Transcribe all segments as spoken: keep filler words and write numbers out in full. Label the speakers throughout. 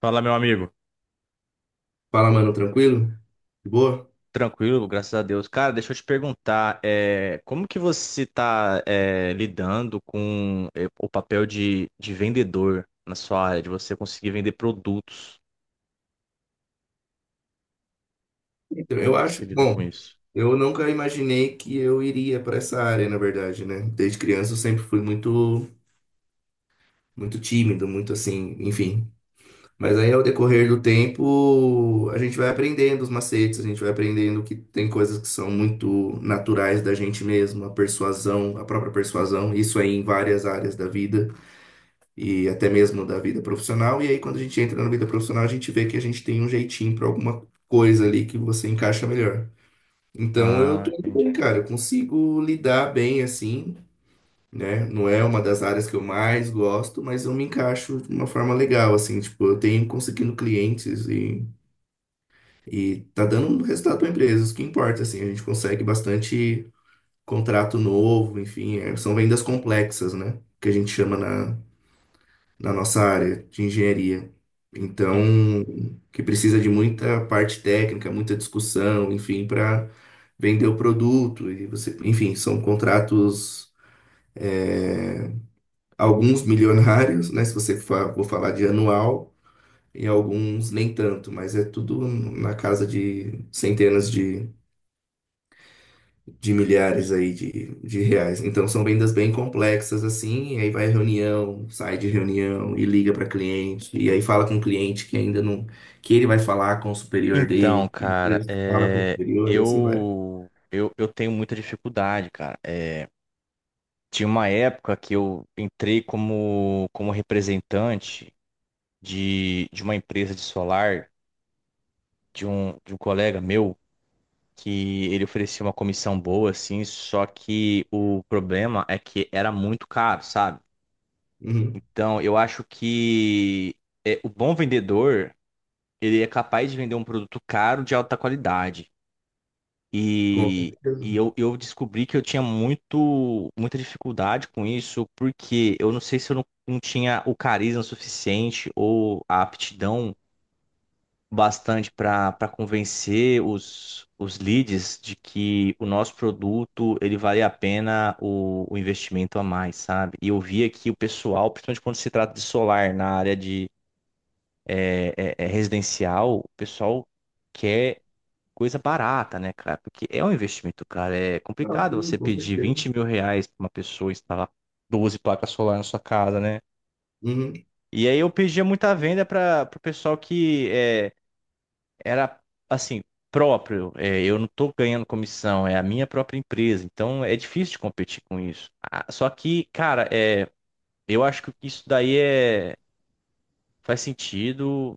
Speaker 1: Fala, meu amigo.
Speaker 2: Fala, mano, tranquilo? De boa?
Speaker 1: Tranquilo, graças a Deus. Cara, deixa eu te perguntar, é, como que você está lidando com é, o papel de, de vendedor na sua área, de você conseguir vender produtos?
Speaker 2: Então,
Speaker 1: Como
Speaker 2: eu
Speaker 1: que se
Speaker 2: acho,
Speaker 1: lida com
Speaker 2: bom,
Speaker 1: isso?
Speaker 2: eu nunca imaginei que eu iria para essa área, na verdade, né? Desde criança eu sempre fui muito, muito tímido, muito assim, enfim. Mas aí ao decorrer do tempo, a gente vai aprendendo os macetes, a gente vai aprendendo que tem coisas que são muito naturais da gente mesmo, a persuasão, a própria persuasão, isso aí em várias áreas da vida. E até mesmo da vida profissional. E aí, quando a gente entra na vida profissional, a gente vê que a gente tem um jeitinho para alguma coisa ali que você encaixa melhor. Então, eu
Speaker 1: Ah,
Speaker 2: tô indo
Speaker 1: entendi.
Speaker 2: bem, cara, eu consigo lidar bem assim, né? Não é uma das áreas que eu mais gosto, mas eu me encaixo de uma forma legal, assim, tipo, eu tenho conseguindo clientes e, e tá dando um resultado para empresa o que importa, assim, a gente consegue bastante contrato novo, enfim, é- são vendas complexas, né? Que a gente chama na, na nossa área de engenharia. Então,
Speaker 1: Uhum.
Speaker 2: que precisa de muita parte técnica, muita discussão, enfim, para vender o produto. E você, enfim, são contratos, é, alguns milionários, né? Se você fa- for falar de anual, e alguns nem tanto, mas é tudo na casa de centenas de de milhares aí de, de reais. Então são vendas bem complexas assim, e aí vai reunião, sai de reunião e liga para cliente, e aí fala com o cliente que ainda não, que ele vai falar com o superior
Speaker 1: Então,
Speaker 2: dele, e
Speaker 1: cara,
Speaker 2: depois fala com o
Speaker 1: é,
Speaker 2: superior e assim vai.
Speaker 1: eu, eu eu tenho muita dificuldade, cara. É, tinha uma época que eu entrei como, como representante de, de uma empresa de solar de um, de um colega meu. Que ele oferecia uma comissão boa, assim, só que o problema é que era muito caro, sabe?
Speaker 2: Uhum.
Speaker 1: Então, eu acho que é, o bom vendedor, ele é capaz de vender um produto caro de alta qualidade.
Speaker 2: Com
Speaker 1: E,
Speaker 2: certeza.
Speaker 1: e eu, eu descobri que eu tinha muito, muita dificuldade com isso, porque eu não sei se eu não, não tinha o carisma suficiente ou a aptidão bastante para para convencer os, os leads de que o nosso produto ele vale a pena o, o investimento a mais, sabe? E eu vi aqui o pessoal, principalmente quando se trata de solar na área de é, é, é, residencial, o pessoal quer coisa barata, né, cara? Porque é um investimento, cara. É
Speaker 2: Não,
Speaker 1: complicado
Speaker 2: sim,
Speaker 1: você
Speaker 2: com
Speaker 1: pedir
Speaker 2: certeza.
Speaker 1: vinte mil reais para uma pessoa instalar doze placas solar na sua casa, né?
Speaker 2: Uhum.
Speaker 1: E aí eu pedia muita venda para o pessoal que eh, era assim, próprio. É, eu não estou ganhando comissão, é a minha própria empresa. Então é difícil de competir com isso. Ah, só que, cara, é, eu acho que isso daí é, faz sentido.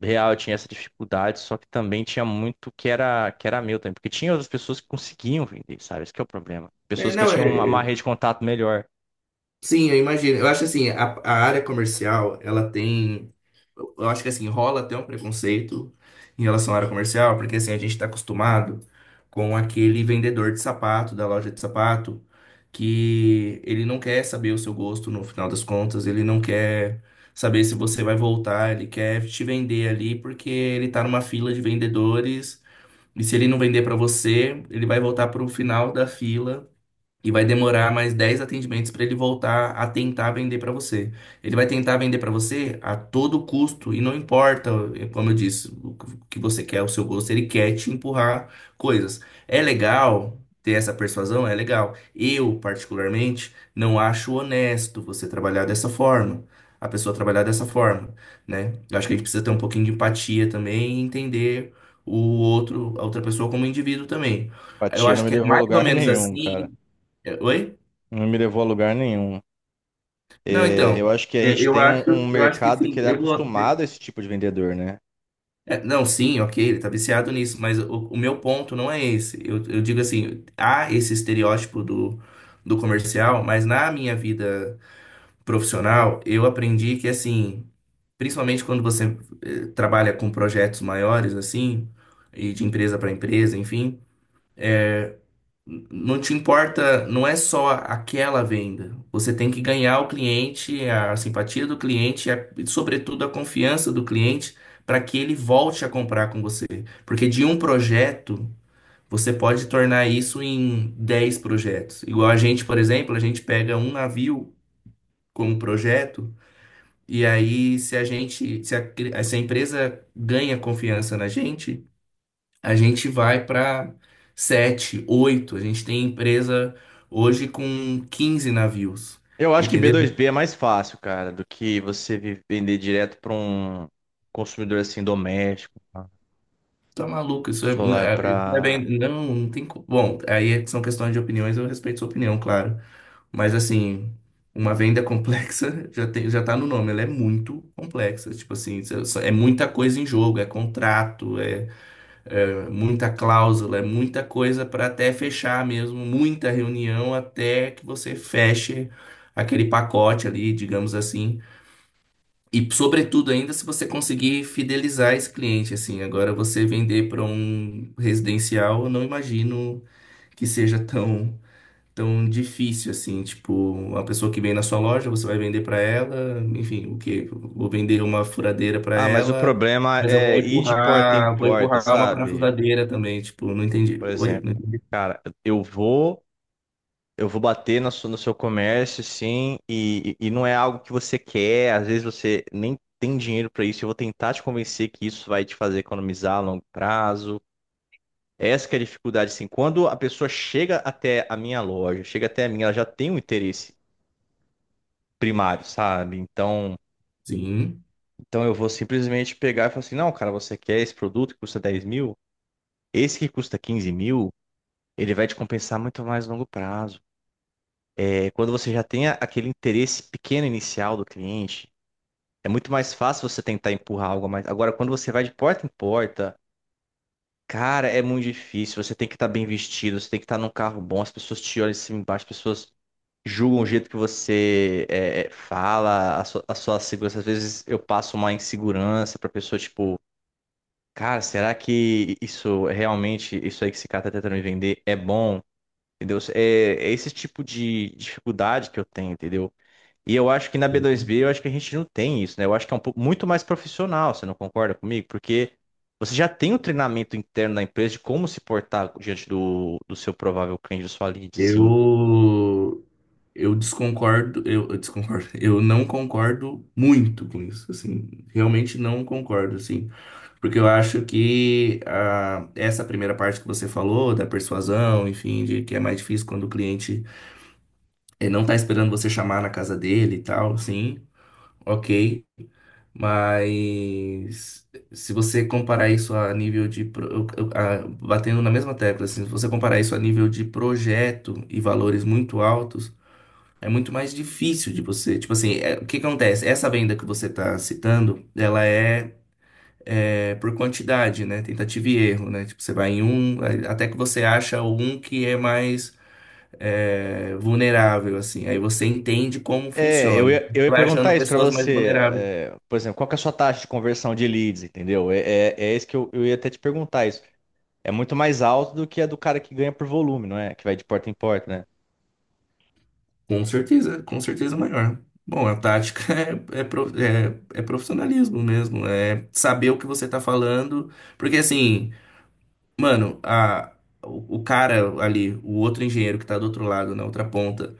Speaker 1: Real, eu tinha essa dificuldade, só que também tinha muito que era, que era meu também, porque tinha outras pessoas que conseguiam vender, sabe? Esse que é o problema.
Speaker 2: É,
Speaker 1: Pessoas que
Speaker 2: não, é,
Speaker 1: tinham uma, uma rede de contato melhor.
Speaker 2: sim, eu imagino. Eu acho assim, a, a área comercial, ela tem eu acho que assim, rola até um preconceito em relação à área comercial, porque assim, a gente está acostumado com aquele vendedor de sapato, da loja de sapato, que ele não quer saber o seu gosto no final das contas, ele não quer saber se você vai voltar, ele quer te vender ali porque ele tá numa fila de vendedores, e se ele não vender para você, ele vai voltar pro final da fila e vai demorar mais dez atendimentos para ele voltar a tentar vender para você. Ele vai tentar vender para você a todo custo, e não importa, como eu disse, o que você quer, o seu gosto, ele quer te empurrar coisas. É legal ter essa persuasão? É legal. Eu, particularmente, não acho honesto você trabalhar dessa forma. A pessoa trabalhar dessa forma, né? Eu acho que a gente precisa ter um pouquinho de empatia também e entender o outro, a outra pessoa como indivíduo também. Eu
Speaker 1: Empatia não
Speaker 2: acho
Speaker 1: me
Speaker 2: que é
Speaker 1: levou a
Speaker 2: mais ou
Speaker 1: lugar
Speaker 2: menos
Speaker 1: nenhum, cara.
Speaker 2: assim. é, Oi?
Speaker 1: Não me levou a lugar nenhum.
Speaker 2: Não,
Speaker 1: É, eu
Speaker 2: então.
Speaker 1: acho que a
Speaker 2: Eu,
Speaker 1: gente
Speaker 2: eu
Speaker 1: tem um,
Speaker 2: acho,
Speaker 1: um
Speaker 2: eu acho que
Speaker 1: mercado que
Speaker 2: sim.
Speaker 1: ele é
Speaker 2: Eu vou...
Speaker 1: acostumado a esse tipo de vendedor, né?
Speaker 2: é, Não, sim, ok, ele tá viciado nisso, mas o, o meu ponto não é esse. Eu, eu digo assim, há esse estereótipo do, do comercial, mas na minha vida profissional, eu aprendi que, assim, principalmente quando você eh, trabalha com projetos maiores, assim, e de empresa para empresa, enfim. Não te importa, não é só aquela venda. Você tem que ganhar o cliente, a simpatia do cliente e, a- e, sobretudo, a confiança do cliente para que ele volte a comprar com você. Porque de um projeto, você pode tornar isso em dez projetos. Igual a gente, por exemplo, a gente pega um navio como projeto e aí se a gente, se a, se a empresa ganha confiança na gente, a gente vai para sete, oito. A gente tem empresa hoje com quinze navios.
Speaker 1: Eu acho que
Speaker 2: Entendeu?
Speaker 1: B dois B é mais fácil, cara, do que você vi- vender direto para um consumidor assim doméstico, tá?
Speaker 2: Tá maluco, isso é,
Speaker 1: Solar
Speaker 2: é- isso não é
Speaker 1: para.
Speaker 2: bem. Não, não tem. co- Bom, aí é, são questões de opiniões, eu respeito sua opinião, claro. Mas assim, uma venda complexa já tem, já tá no nome, ela é muito complexa. Tipo assim, isso é é muita coisa em jogo, é contrato, é é muita cláusula, é muita coisa para até fechar mesmo, muita reunião até que você feche aquele pacote ali, digamos assim. E sobretudo ainda se você conseguir fidelizar esse cliente assim. Agora você vender para um residencial, eu não imagino que seja tão tão difícil assim, tipo, uma pessoa que vem na sua loja, você vai vender pra ela, enfim, o quê? Vou vender uma furadeira pra
Speaker 1: Ah, mas o
Speaker 2: ela,
Speaker 1: problema
Speaker 2: mas eu vou
Speaker 1: é ir de porta em
Speaker 2: empurrar, vou
Speaker 1: porta,
Speaker 2: empurrar uma
Speaker 1: sabe?
Speaker 2: parafusadeira também, tipo, não entendi.
Speaker 1: Por
Speaker 2: Oi?
Speaker 1: exemplo,
Speaker 2: Não entendi.
Speaker 1: eu vou, eu vou bater na sua- no seu comércio, sim, e, e e não é algo que você quer. Às vezes você nem tem dinheiro para isso. Eu vou tentar te convencer que isso vai te fazer economizar a longo prazo. Essa que é a dificuldade, assim. Quando a pessoa chega até a minha loja, chega até a minha, ela já tem um interesse primário, sabe? Então,
Speaker 2: Sim.
Speaker 1: então eu vou simplesmente pegar e falar assim, não, cara, você quer esse produto que custa dez mil? Esse que custa quinze mil, ele vai te compensar muito mais a longo prazo. É, quando você já tem a- aquele interesse pequeno inicial do cliente, é muito mais fácil você tentar empurrar algo a mais. Agora, quando você vai de porta em porta, cara, é muito difícil. Você tem que estar bem vestido, você tem que estar num carro bom, as pessoas te olham de cima e embaixo, as pessoas julgam o jeito que você é, é, fala, a sua, a sua segurança. Às vezes eu passo uma insegurança pra pessoa, tipo, cara, será que isso é realmente, isso aí que esse cara tá tentando me vender é bom? Entendeu? É, é esse tipo de dificuldade que eu tenho, entendeu? E eu acho que na B dois B, eu acho que a gente não tem isso, né? Eu acho que é um pouco muito mais profissional, você não concorda comigo? Porque você já tem um treinamento interno da empresa de como se portar diante do, do seu provável cliente, da sua lead, sim.
Speaker 2: Eu eu desconcordo, eu, eu desconcordo. Eu não concordo muito com isso, assim, realmente não concordo, assim, porque eu acho que ah, essa primeira parte que você falou da persuasão, enfim, de que é mais difícil quando o cliente. Ele não tá esperando você chamar na casa dele e tal, sim, ok. Mas se você comparar isso a nível de, pro- eu- eu- a- batendo na mesma tecla, assim, se você comparar isso a nível de projeto e valores muito altos, é muito mais difícil de você. Tipo assim, é- o que que acontece? Essa venda que você está citando, ela é. é, por quantidade, né? Tentativa e erro, né? Tipo, você vai em um, aí- até que você acha um que é mais é, vulnerável, assim. Aí você entende como
Speaker 1: É, eu
Speaker 2: funciona.
Speaker 1: ia, eu
Speaker 2: Você
Speaker 1: ia
Speaker 2: vai achando
Speaker 1: perguntar isso pra
Speaker 2: pessoas mais
Speaker 1: você.
Speaker 2: vulneráveis.
Speaker 1: É, por exemplo, qual que é a sua taxa de conversão de leads, entendeu? É, é, é isso que eu, eu ia até te perguntar isso. É muito mais alto do que a do cara que ganha por volume, não é? Que vai de porta em porta, né?
Speaker 2: Com certeza, com certeza maior. Bom, a tática é, é, pro- é- é profissionalismo mesmo, é saber o que você tá falando, porque assim, mano, a, o, o cara ali, o outro engenheiro que tá do outro lado, na outra ponta,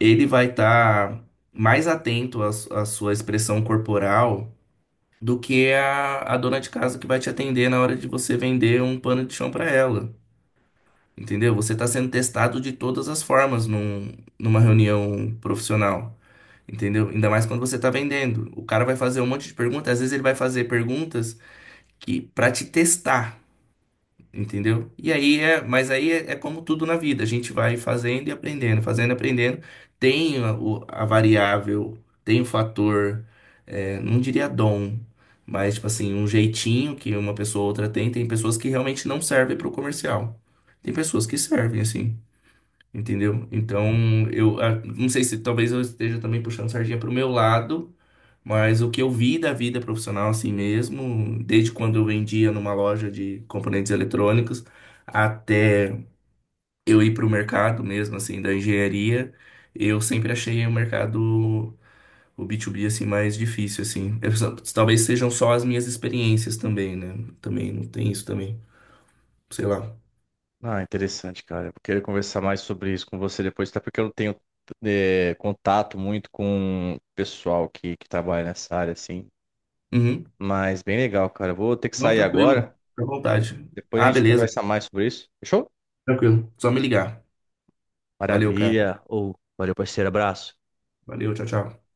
Speaker 2: ele vai estar mais atento à, su- à sua expressão corporal do que a, a dona de casa que vai te atender na hora de você vender um pano de chão pra ela. Entendeu? Você está sendo testado de todas as formas num, numa reunião profissional. Entendeu? Ainda mais quando você está vendendo. O cara vai fazer um monte de perguntas, às vezes ele vai fazer perguntas que para te testar, entendeu? E aí é, mas aí é, é como tudo na vida, a gente vai fazendo e aprendendo, fazendo e aprendendo. Tem a, o- a variável, tem o fator, é, não diria dom, mas tipo assim, um jeitinho que uma pessoa ou outra tem. Tem pessoas que realmente não servem para o comercial. Tem pessoas que servem, assim. Entendeu? Então, eu ah, não sei se talvez eu esteja também puxando sardinha para o meu lado, mas o que eu vi da vida profissional assim mesmo, desde quando eu vendia numa loja de componentes eletrônicos até eu ir para o mercado mesmo assim da engenharia, eu sempre achei o mercado o B dois B assim mais difícil assim. Eu só- talvez sejam só as minhas experiências também, né? Também não tem isso também, sei lá.
Speaker 1: Ah, interessante, cara. Eu queria conversar mais sobre isso com você depois, até porque eu não tenho é, contato muito com o pessoal que, que trabalha nessa área, assim.
Speaker 2: Uhum.
Speaker 1: Mas bem legal, cara. Eu vou ter que
Speaker 2: Não,
Speaker 1: sair agora.
Speaker 2: tranquilo, fica à vontade.
Speaker 1: Depois a
Speaker 2: Ah,
Speaker 1: gente
Speaker 2: beleza,
Speaker 1: conversa mais sobre isso. Fechou?
Speaker 2: tranquilo. Só me ligar. Valeu, cara.
Speaker 1: Maravilha. Ou valeu, parceiro. Abraço.
Speaker 2: Valeu, tchau, tchau.